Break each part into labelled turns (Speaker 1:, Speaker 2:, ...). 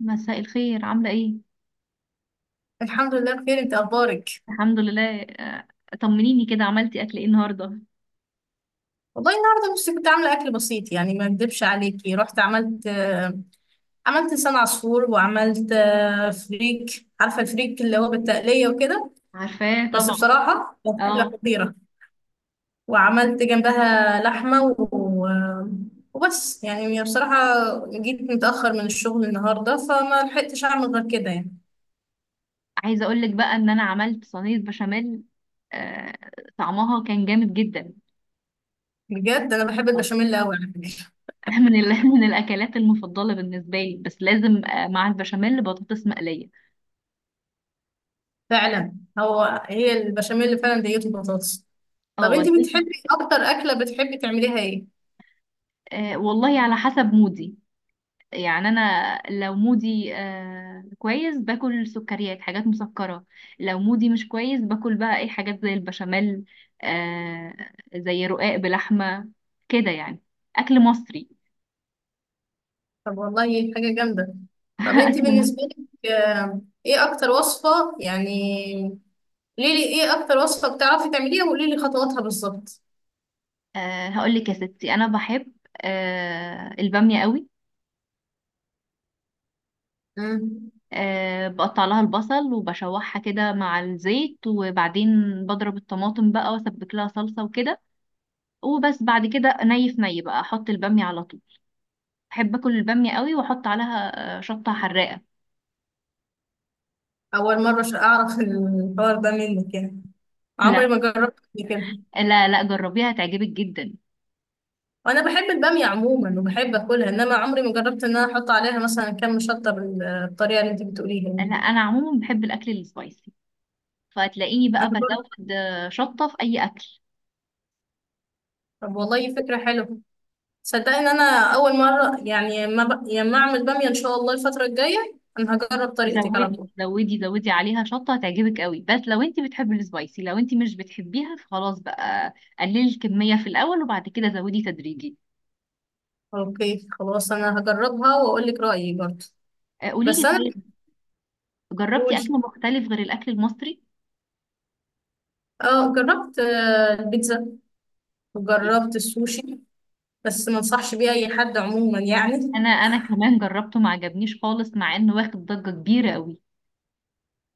Speaker 1: مساء الخير، عاملة ايه؟
Speaker 2: الحمد لله بخير، انت اخبارك؟
Speaker 1: الحمد لله. طمنيني كده، عملتي اكل ايه النهاردة؟
Speaker 2: والله النهارده بس كنت عامله اكل بسيط يعني ما اكدبش عليكي رحت عملت لسان عصفور وعملت فريك عارفه الفريك اللي هو بالتقليه وكده.
Speaker 1: عارفاه
Speaker 2: بس
Speaker 1: طبعا.
Speaker 2: بصراحه كانت اكله
Speaker 1: اه،
Speaker 2: خطيره وعملت جنبها لحمه و... آه، وبس يعني بصراحه. جيت متاخر من الشغل النهارده فما لحقتش اعمل غير كده يعني.
Speaker 1: عايزة اقولك بقى ان انا عملت صينية بشاميل. آه، طعمها كان جامد جدا.
Speaker 2: بجد انا بحب
Speaker 1: آه،
Speaker 2: البشاميل قوي على فكره.
Speaker 1: من الاكلات المفضلة بالنسبة لي، بس لازم مع البشاميل بطاطس مقلية.
Speaker 2: فعلا، هو هي البشاميل فعلا ديته بطاطس. طب
Speaker 1: اه
Speaker 2: انت
Speaker 1: والدتي.
Speaker 2: بتحبي اكتر اكله بتحبي تعمليها ايه؟
Speaker 1: والله على حسب مودي، يعني انا لو مودي كويس باكل سكريات، حاجات مسكرة. لو مودي مش كويس باكل بقى اي حاجات زي البشاميل، آه، زي رقاق بلحمة، كده يعني، اكل مصري.
Speaker 2: طب والله حاجه جامده. طب انت
Speaker 1: اكل مصري.
Speaker 2: بالنسبه لك، ايه اكتر وصفه يعني؟ قولي لي ايه اكتر وصفه بتعرفي تعمليها وقولي لي خطواتها بالظبط.
Speaker 1: هقول لك يا ستي، انا بحب البامية قوي.
Speaker 2: مم.
Speaker 1: آه، بقطع لها البصل وبشوحها كده مع الزيت، وبعدين بضرب الطماطم بقى واسبك لها صلصة وكده، وبس. بعد كده ني في ني بقى احط البامية على طول. بحب اكل الباميه قوي، واحط عليها شطه حراقه.
Speaker 2: اول مره عشان اعرف الحوار ده منك يعني، عمري
Speaker 1: لا،
Speaker 2: ما جربت قبل كده.
Speaker 1: لا لا، جربيها هتعجبك جدا.
Speaker 2: وانا بحب الباميه عموما وبحب اكلها، انما عمري ما جربت ان انا احط عليها مثلا كم شطه بالطريقه اللي انت بتقوليها
Speaker 1: لا،
Speaker 2: يعني.
Speaker 1: انا عموما بحب الاكل السبايسي، فهتلاقيني
Speaker 2: انا
Speaker 1: بقى
Speaker 2: برضه.
Speaker 1: بزود شطه في اي اكل.
Speaker 2: طب والله فكره حلوه. صدقني ان انا اول مره يعني ما اعمل باميه. ان شاء الله الفتره الجايه انا هجرب طريقتك على
Speaker 1: زودي
Speaker 2: طول.
Speaker 1: زودي زودي عليها شطه، هتعجبك قوي، بس لو انت بتحبي السبايسي. لو انت مش بتحبيها فخلاص بقى، قللي الكميه في الاول وبعد كده زودي تدريجي.
Speaker 2: اوكي خلاص، انا هجربها واقول لك رايي برضه.
Speaker 1: قولي
Speaker 2: بس
Speaker 1: لي
Speaker 2: انا.
Speaker 1: طيب، جربتي
Speaker 2: قولي.
Speaker 1: اكل مختلف غير الاكل المصري؟
Speaker 2: اه جربت البيتزا وجربت السوشي، بس ما انصحش بيه اي حد عموما يعني.
Speaker 1: انا كمان جربته ما عجبنيش خالص، مع انه واخد ضجه كبيره قوي.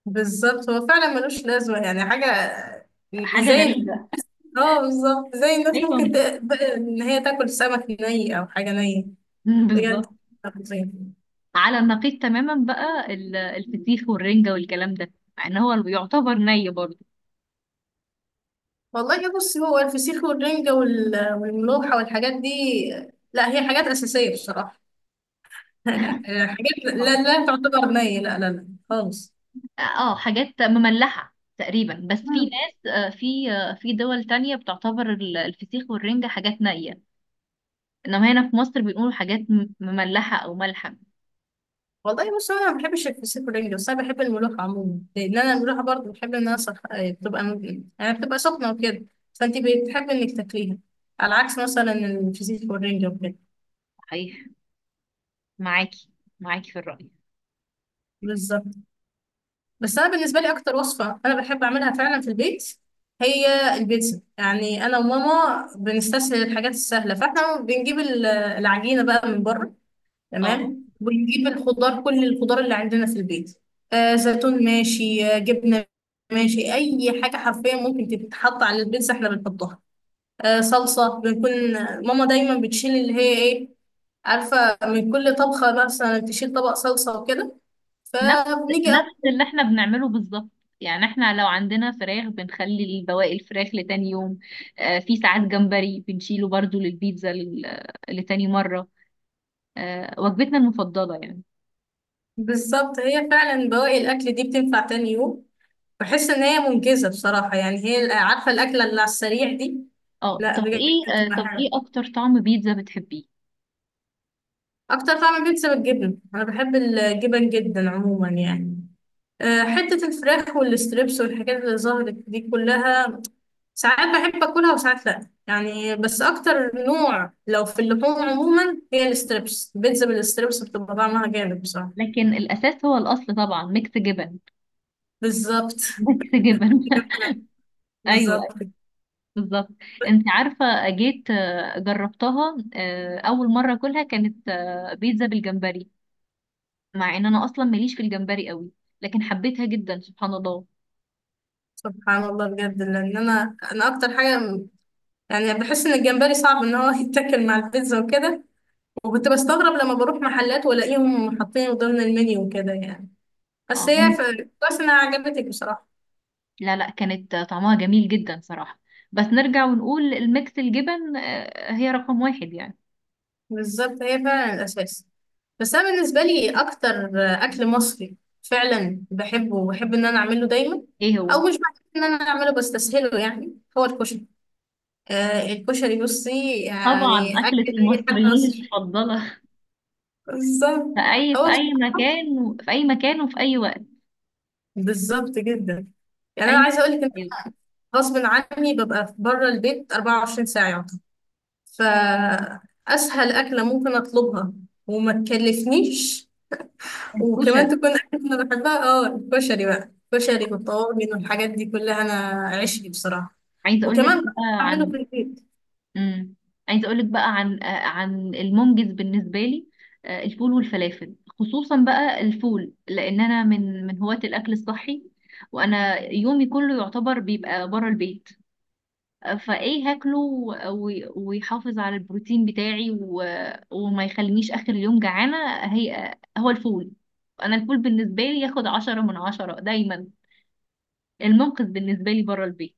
Speaker 2: بالظبط، هو فعلا ملوش لازمه يعني حاجه.
Speaker 1: حاجه
Speaker 2: زي.
Speaker 1: غريبه.
Speaker 2: اه بالظبط زي الناس
Speaker 1: ايوه،
Speaker 2: ممكن ان هي تاكل سمك ني او حاجه نيه. بجد.
Speaker 1: بالظبط. على النقيض تماما بقى الفسيخ والرنجة والكلام ده، مع ان هو يعتبر ني برضه.
Speaker 2: والله بص، هو الفسيخ والرنجة والملوحة والحاجات دي، لا هي حاجات أساسية بصراحة. حاجات
Speaker 1: آه.
Speaker 2: لا لا تعتبر نية، لا لا لا خالص.
Speaker 1: اه، حاجات مملحة تقريبا، بس في
Speaker 2: مم.
Speaker 1: ناس، في دول تانية بتعتبر الفسيخ والرنجة حاجات نية. انما هنا في مصر بيقولوا حاجات مملحة او ملحة.
Speaker 2: والله بص، أنا ما بحبش الفسيخ والرنجة، بس أنا بحب الملوحة عموما، لأن أنا الملوحة برضه بحب إنها صح... آه، بتبقى م- يعني بتبقى سخنة وكده. فأنت بتحب إنك تاكليها، على عكس مثلا الفسيخ والرنجة
Speaker 1: صحيح، معاكي معاكي في الرأي.
Speaker 2: وكده. بس انا بالنسبه لي اكتر وصفه انا بحب اعملها فعلا في البيت هي البيتزا. يعني انا وماما بنستسهل الحاجات السهله، فاحنا بنجيب العجينه بقى من بره.
Speaker 1: اه،
Speaker 2: تمام، ونجيب الخضار كل الخضار اللي عندنا في البيت، زيتون ماشي، جبنه ماشي، اي حاجه حرفيا ممكن تتحط على البيتزا احنا بنحطها. صلصه بنكون، ماما دايما بتشيل اللي هي ايه، عارفه، من كل طبخه مثلا تشيل طبق صلصه وكده،
Speaker 1: نفس
Speaker 2: فبنيجي
Speaker 1: نفس اللي
Speaker 2: أول.
Speaker 1: احنا بنعمله بالظبط. يعني احنا لو عندنا فراخ بنخلي بواقي الفراخ لتاني يوم. آه، في ساعات جمبري بنشيله برضو للبيتزا لتاني مرة. آه، وجبتنا المفضلة يعني.
Speaker 2: بالظبط هي فعلا بواقي الاكل دي بتنفع تاني يوم. بحس ان هي منجزه بصراحه، يعني هي عارفه الاكله اللي على السريع دي.
Speaker 1: اه،
Speaker 2: لا بجد بتبقى
Speaker 1: طب ايه
Speaker 2: حلوه.
Speaker 1: اكتر طعم بيتزا بتحبيه؟
Speaker 2: اكتر طعم بيتزا بالجبن، انا بحب الجبن جدا عموما يعني. حته الفراخ والستريبس والحاجات اللي ظهرت دي كلها، ساعات بحب اكلها وساعات لا يعني. بس اكتر نوع لو في اللحوم عموما هي الستريبس، البيتزا بالستريبس بتبقى طعمها جامد بصراحه.
Speaker 1: لكن الاساس هو الاصل طبعا ميكس جبن.
Speaker 2: بالظبط.
Speaker 1: ميكس جبن. ايوه،
Speaker 2: بالظبط.
Speaker 1: بالظبط. انت عارفة، جيت جربتها اول مرة كلها كانت بيتزا بالجمبري، مع ان انا اصلا ماليش في الجمبري قوي، لكن حبيتها جدا سبحان الله.
Speaker 2: سبحان الله بجد، لان انا اكتر حاجه يعني بحس ان الجمبري صعب ان هو يتاكل مع البيتزا وكده. وكنت بستغرب لما بروح محلات والاقيهم حاطينه ضمن المنيو وكده يعني. بس
Speaker 1: آه.
Speaker 2: هي كويس انها عجبتك بصراحه.
Speaker 1: لا لا، كانت طعمها جميل جدا صراحة. بس نرجع ونقول الميكس الجبن هي رقم واحد يعني.
Speaker 2: بالظبط هي فعلا الاساس. بس انا بالنسبه لي اكتر اكل مصري فعلا بحبه وبحب ان انا اعمله دايما،
Speaker 1: ايه هو؟
Speaker 2: او مش بحب ان انا اعمله بستسهله يعني، هو الكشري. الكشري بصي
Speaker 1: طبعا
Speaker 2: يعني
Speaker 1: أكلة
Speaker 2: اكل اي حد
Speaker 1: المصريين
Speaker 2: مصري.
Speaker 1: المفضلة.
Speaker 2: بالظبط.
Speaker 1: في
Speaker 2: هو
Speaker 1: أي مكان، في أي مكان وفي أي وقت.
Speaker 2: بالظبط جدا، يعني انا
Speaker 1: أي،
Speaker 2: عايزه اقول لك ان
Speaker 1: أيوة.
Speaker 2: غصب عني ببقى بره البيت 24 ساعه يعتبر، فاسهل اكله ممكن اطلبها وما تكلفنيش وكمان
Speaker 1: الكشري.
Speaker 2: تكون اكله انا بحبها، اه الكشري بقى، الكشري والطواجن والحاجات دي كلها انا عشقي بصراحه.
Speaker 1: عايزة أقول لك
Speaker 2: وكمان
Speaker 1: بقى
Speaker 2: بعمله
Speaker 1: عن،
Speaker 2: في البيت.
Speaker 1: امم، عايزه اقول لك بقى عن، عن المنجز بالنسبه لي. آه، الفول والفلافل، خصوصا بقى الفول، لان انا من هواة الاكل الصحي، وانا يومي كله يعتبر بيبقى بره البيت. آه، فايه هاكله ويحافظ على البروتين بتاعي وما يخلينيش اخر اليوم جعانه. هي آه، هو الفول. انا الفول بالنسبه لي ياخد 10 من 10 دايما، المنقذ بالنسبه لي بره البيت.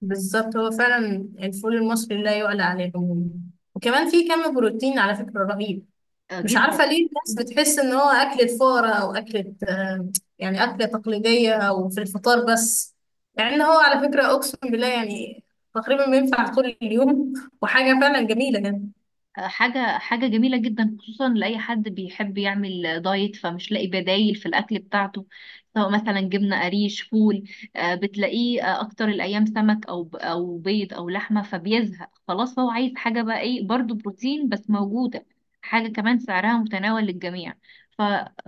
Speaker 2: بالظبط هو فعلا الفول المصري لا يعلى عليه عموما، وكمان فيه كم بروتين على فكره رهيب.
Speaker 1: آه،
Speaker 2: مش
Speaker 1: جدا.
Speaker 2: عارفة ليه الناس بتحس ان هو أكلة فقرا او أكلة، يعني أكلة تقليدية او في الفطار بس. يعني ان هو على فكرة، اقسم بالله يعني، تقريبا بينفع طول اليوم وحاجة فعلا جميلة يعني.
Speaker 1: حاجة حاجة جميلة جدا، خصوصا لأي حد بيحب يعمل دايت فمش لاقي بدايل في الأكل بتاعته، سواء مثلا جبنة قريش، فول. آه، بتلاقيه آه، أكتر الأيام سمك أو بيض أو لحمة، فبيزهق خلاص، هو عايز حاجة بقى، إيه برضو؟ بروتين بس موجودة، حاجة كمان سعرها متناول للجميع. ف...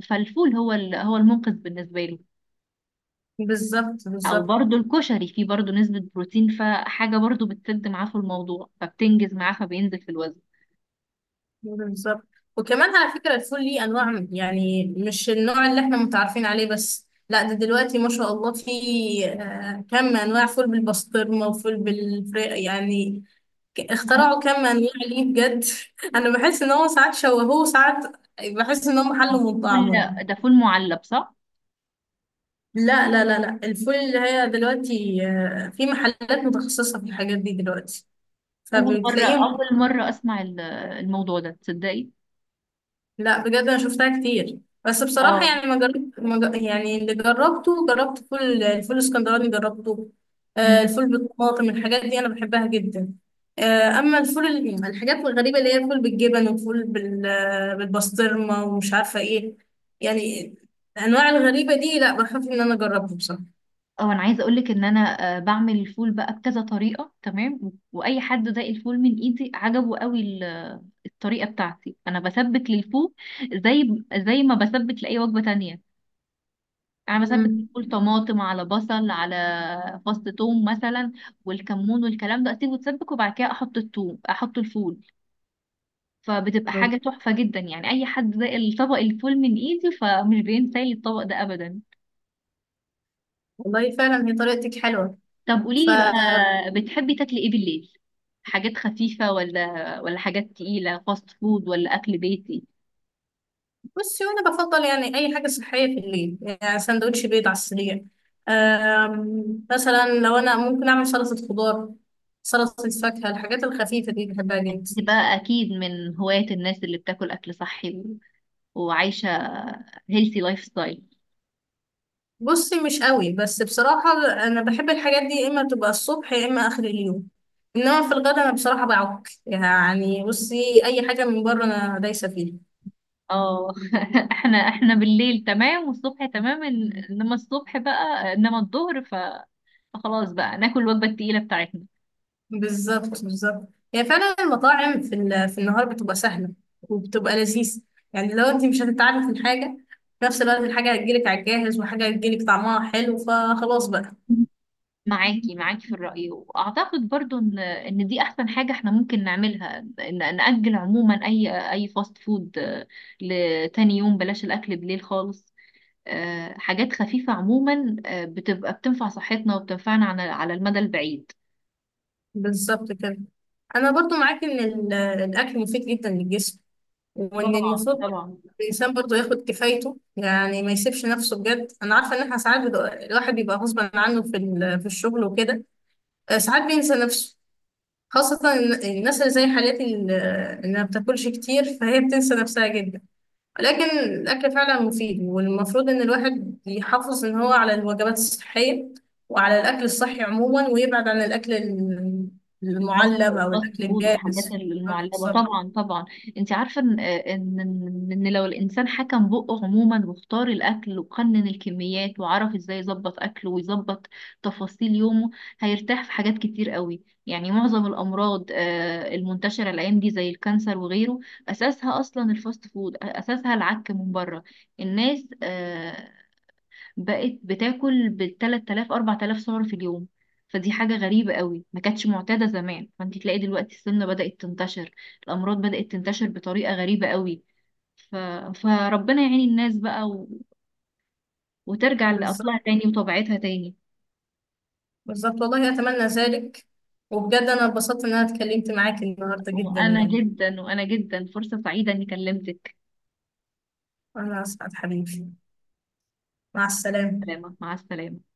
Speaker 1: فالفول هو هو المنقذ بالنسبة له.
Speaker 2: بالظبط
Speaker 1: أو
Speaker 2: بالظبط
Speaker 1: برضو الكشري، فيه برضو نسبة بروتين، فحاجة برضو بتسد معاه في الموضوع، فبتنجز معاه فبينزل في الوزن.
Speaker 2: بالظبط. وكمان على فكرة الفول ليه انواع، يعني مش النوع اللي احنا متعارفين عليه بس، لا ده دلوقتي ما شاء الله في كم انواع، فول بالبسطرمة وفول بالفراخ يعني.
Speaker 1: عايز
Speaker 2: اخترعوا كم انواع ليه بجد انا بحس ان هو ساعات شوهوه وساعات بحس ان هم حلوا من
Speaker 1: فول.
Speaker 2: طعمه يعني.
Speaker 1: ده فول معلب صح؟
Speaker 2: لا لا لا لا، الفول اللي هي دلوقتي، في محلات متخصصة في الحاجات دي دلوقتي
Speaker 1: اول مره
Speaker 2: فبتلاقيهم.
Speaker 1: اول مره اسمع الموضوع ده، تصدقي؟
Speaker 2: لا بجد انا شفتها كتير، بس بصراحه
Speaker 1: اه.
Speaker 2: يعني ما جربت ما ج- يعني اللي جربته جربت الفول الاسكندراني جربته.
Speaker 1: امم.
Speaker 2: الفول بالطماطم الحاجات دي انا بحبها جدا. اما الفول الحاجات الغريبه اللي هي الفول بالجبن والفول بالبسطرمه ومش عارفه ايه يعني، الانواع الغريبه دي لا بخاف ان انا اجربها بصراحه.
Speaker 1: اه، انا عايزه اقول لك ان انا بعمل الفول بقى بكذا طريقه. تمام، واي حد داق الفول من ايدي عجبه قوي. الطريقه بتاعتي انا بسبك للفول زي زي ما بسبك لاي وجبه تانية. انا بسبك
Speaker 2: مم.
Speaker 1: الفول طماطم على بصل على فص ثوم مثلا، والكمون والكلام ده، اسيبه يتسبك، وبعد كده احط الثوم احط الفول. فبتبقى حاجة تحفة جدا، يعني أي حد ده الطبق الفول من إيدي فمش بينسى لي الطبق ده أبدا.
Speaker 2: والله فعلا هي طريقتك حلوه.
Speaker 1: طب قوليلي بقى، بتحبي تاكلي إيه بالليل؟ حاجات خفيفة، ولا حاجات تقيلة، فاست فود ولا أكل بيتي؟
Speaker 2: بصي، وانا بفضل يعني اي حاجه صحيه في الليل، يعني سندوتش بيض على السريع. مثلا لو انا ممكن اعمل سلطه خضار، سلطه فاكهه، الحاجات الخفيفه دي بحبها جدا.
Speaker 1: دي بقى أكيد من هواية الناس اللي بتاكل أكل صحي وعايشة هيلثي لايف ستايل.
Speaker 2: بصي مش قوي، بس بصراحه انا بحب الحاجات دي يا اما تبقى الصبح يا اما اخر اليوم، انما في الغدا انا بصراحه بعك يعني، بصي اي حاجه من بره انا دايسه فيها.
Speaker 1: اه، احنا احنا بالليل تمام والصبح تمام، انما الصبح بقى، انما الظهر فخلاص بقى ناكل الوجبة التقيلة بتاعتنا.
Speaker 2: بالظبط بالظبط، هي فعلا المطاعم في في النهار بتبقى سهله وبتبقى لذيذ، يعني لو انت مش هتتعبي في الحاجه، في نفس الوقت الحاجه هتجيلك على الجاهز وحاجه هتجيلك طعمها حلو فخلاص بقى.
Speaker 1: معاكي معاكي في الرأي، وأعتقد برضو إن دي أحسن حاجة إحنا ممكن نعملها، إن نأجل عموما أي فاست فود لتاني يوم. بلاش الأكل بالليل خالص، آه، حاجات خفيفة عموما، آه، بتبقى بتنفع صحتنا وبتنفعنا على المدى البعيد.
Speaker 2: بالظبط كده. انا برضو معاك ان الاكل مفيد جدا للجسم، وان
Speaker 1: طبعا
Speaker 2: المفروض
Speaker 1: طبعا.
Speaker 2: الانسان برضو ياخد كفايته يعني ما يسيبش نفسه. بجد انا عارفه ان احنا ساعات الواحد بيبقى غصب عنه في في الشغل وكده، ساعات بينسى نفسه، خاصة الناس اللي زي حالتي اللي ما بتاكلش كتير فهي بتنسى نفسها جدا. ولكن الأكل فعلا مفيد، والمفروض إن الواحد يحافظ إن هو على الوجبات الصحية وعلى الأكل الصحي عموما، ويبعد عن الأكل المعلب أو الأكل
Speaker 1: الفاست فود والحاجات
Speaker 2: الجاهز.
Speaker 1: المعلبه،
Speaker 2: بالظبط
Speaker 1: طبعا طبعا. انت عارفه ان إن لو الانسان حكم بقه عموما واختار الاكل وقنن الكميات وعرف ازاي يظبط اكله ويظبط تفاصيل يومه، هيرتاح في حاجات كتير قوي. يعني معظم الامراض آه، المنتشره الايام دي زي الكانسر وغيره، اساسها اصلا الفاست فود، اساسها العك من بره. الناس آه، بقت بتاكل بالتلات آلاف 4 آلاف سعر في اليوم، فدي حاجة غريبة قوي ما كانتش معتادة زمان. فانت تلاقي دلوقتي السمنة بدأت تنتشر، الأمراض بدأت تنتشر بطريقة غريبة قوي. ف... فربنا يعين الناس بقى وترجع لأصلها
Speaker 2: بالظبط
Speaker 1: تاني وطبيعتها تاني.
Speaker 2: بالظبط. والله أتمنى ذلك. وبجد أنا اتبسطت إن أنا اتكلمت معاك النهاردة جدا
Speaker 1: وأنا
Speaker 2: يعني.
Speaker 1: جدا، وأنا جدا فرصة سعيدة إني كلمتك.
Speaker 2: أنا أسعد حبيبي. مع السلامة.
Speaker 1: سلامة، مع السلامة.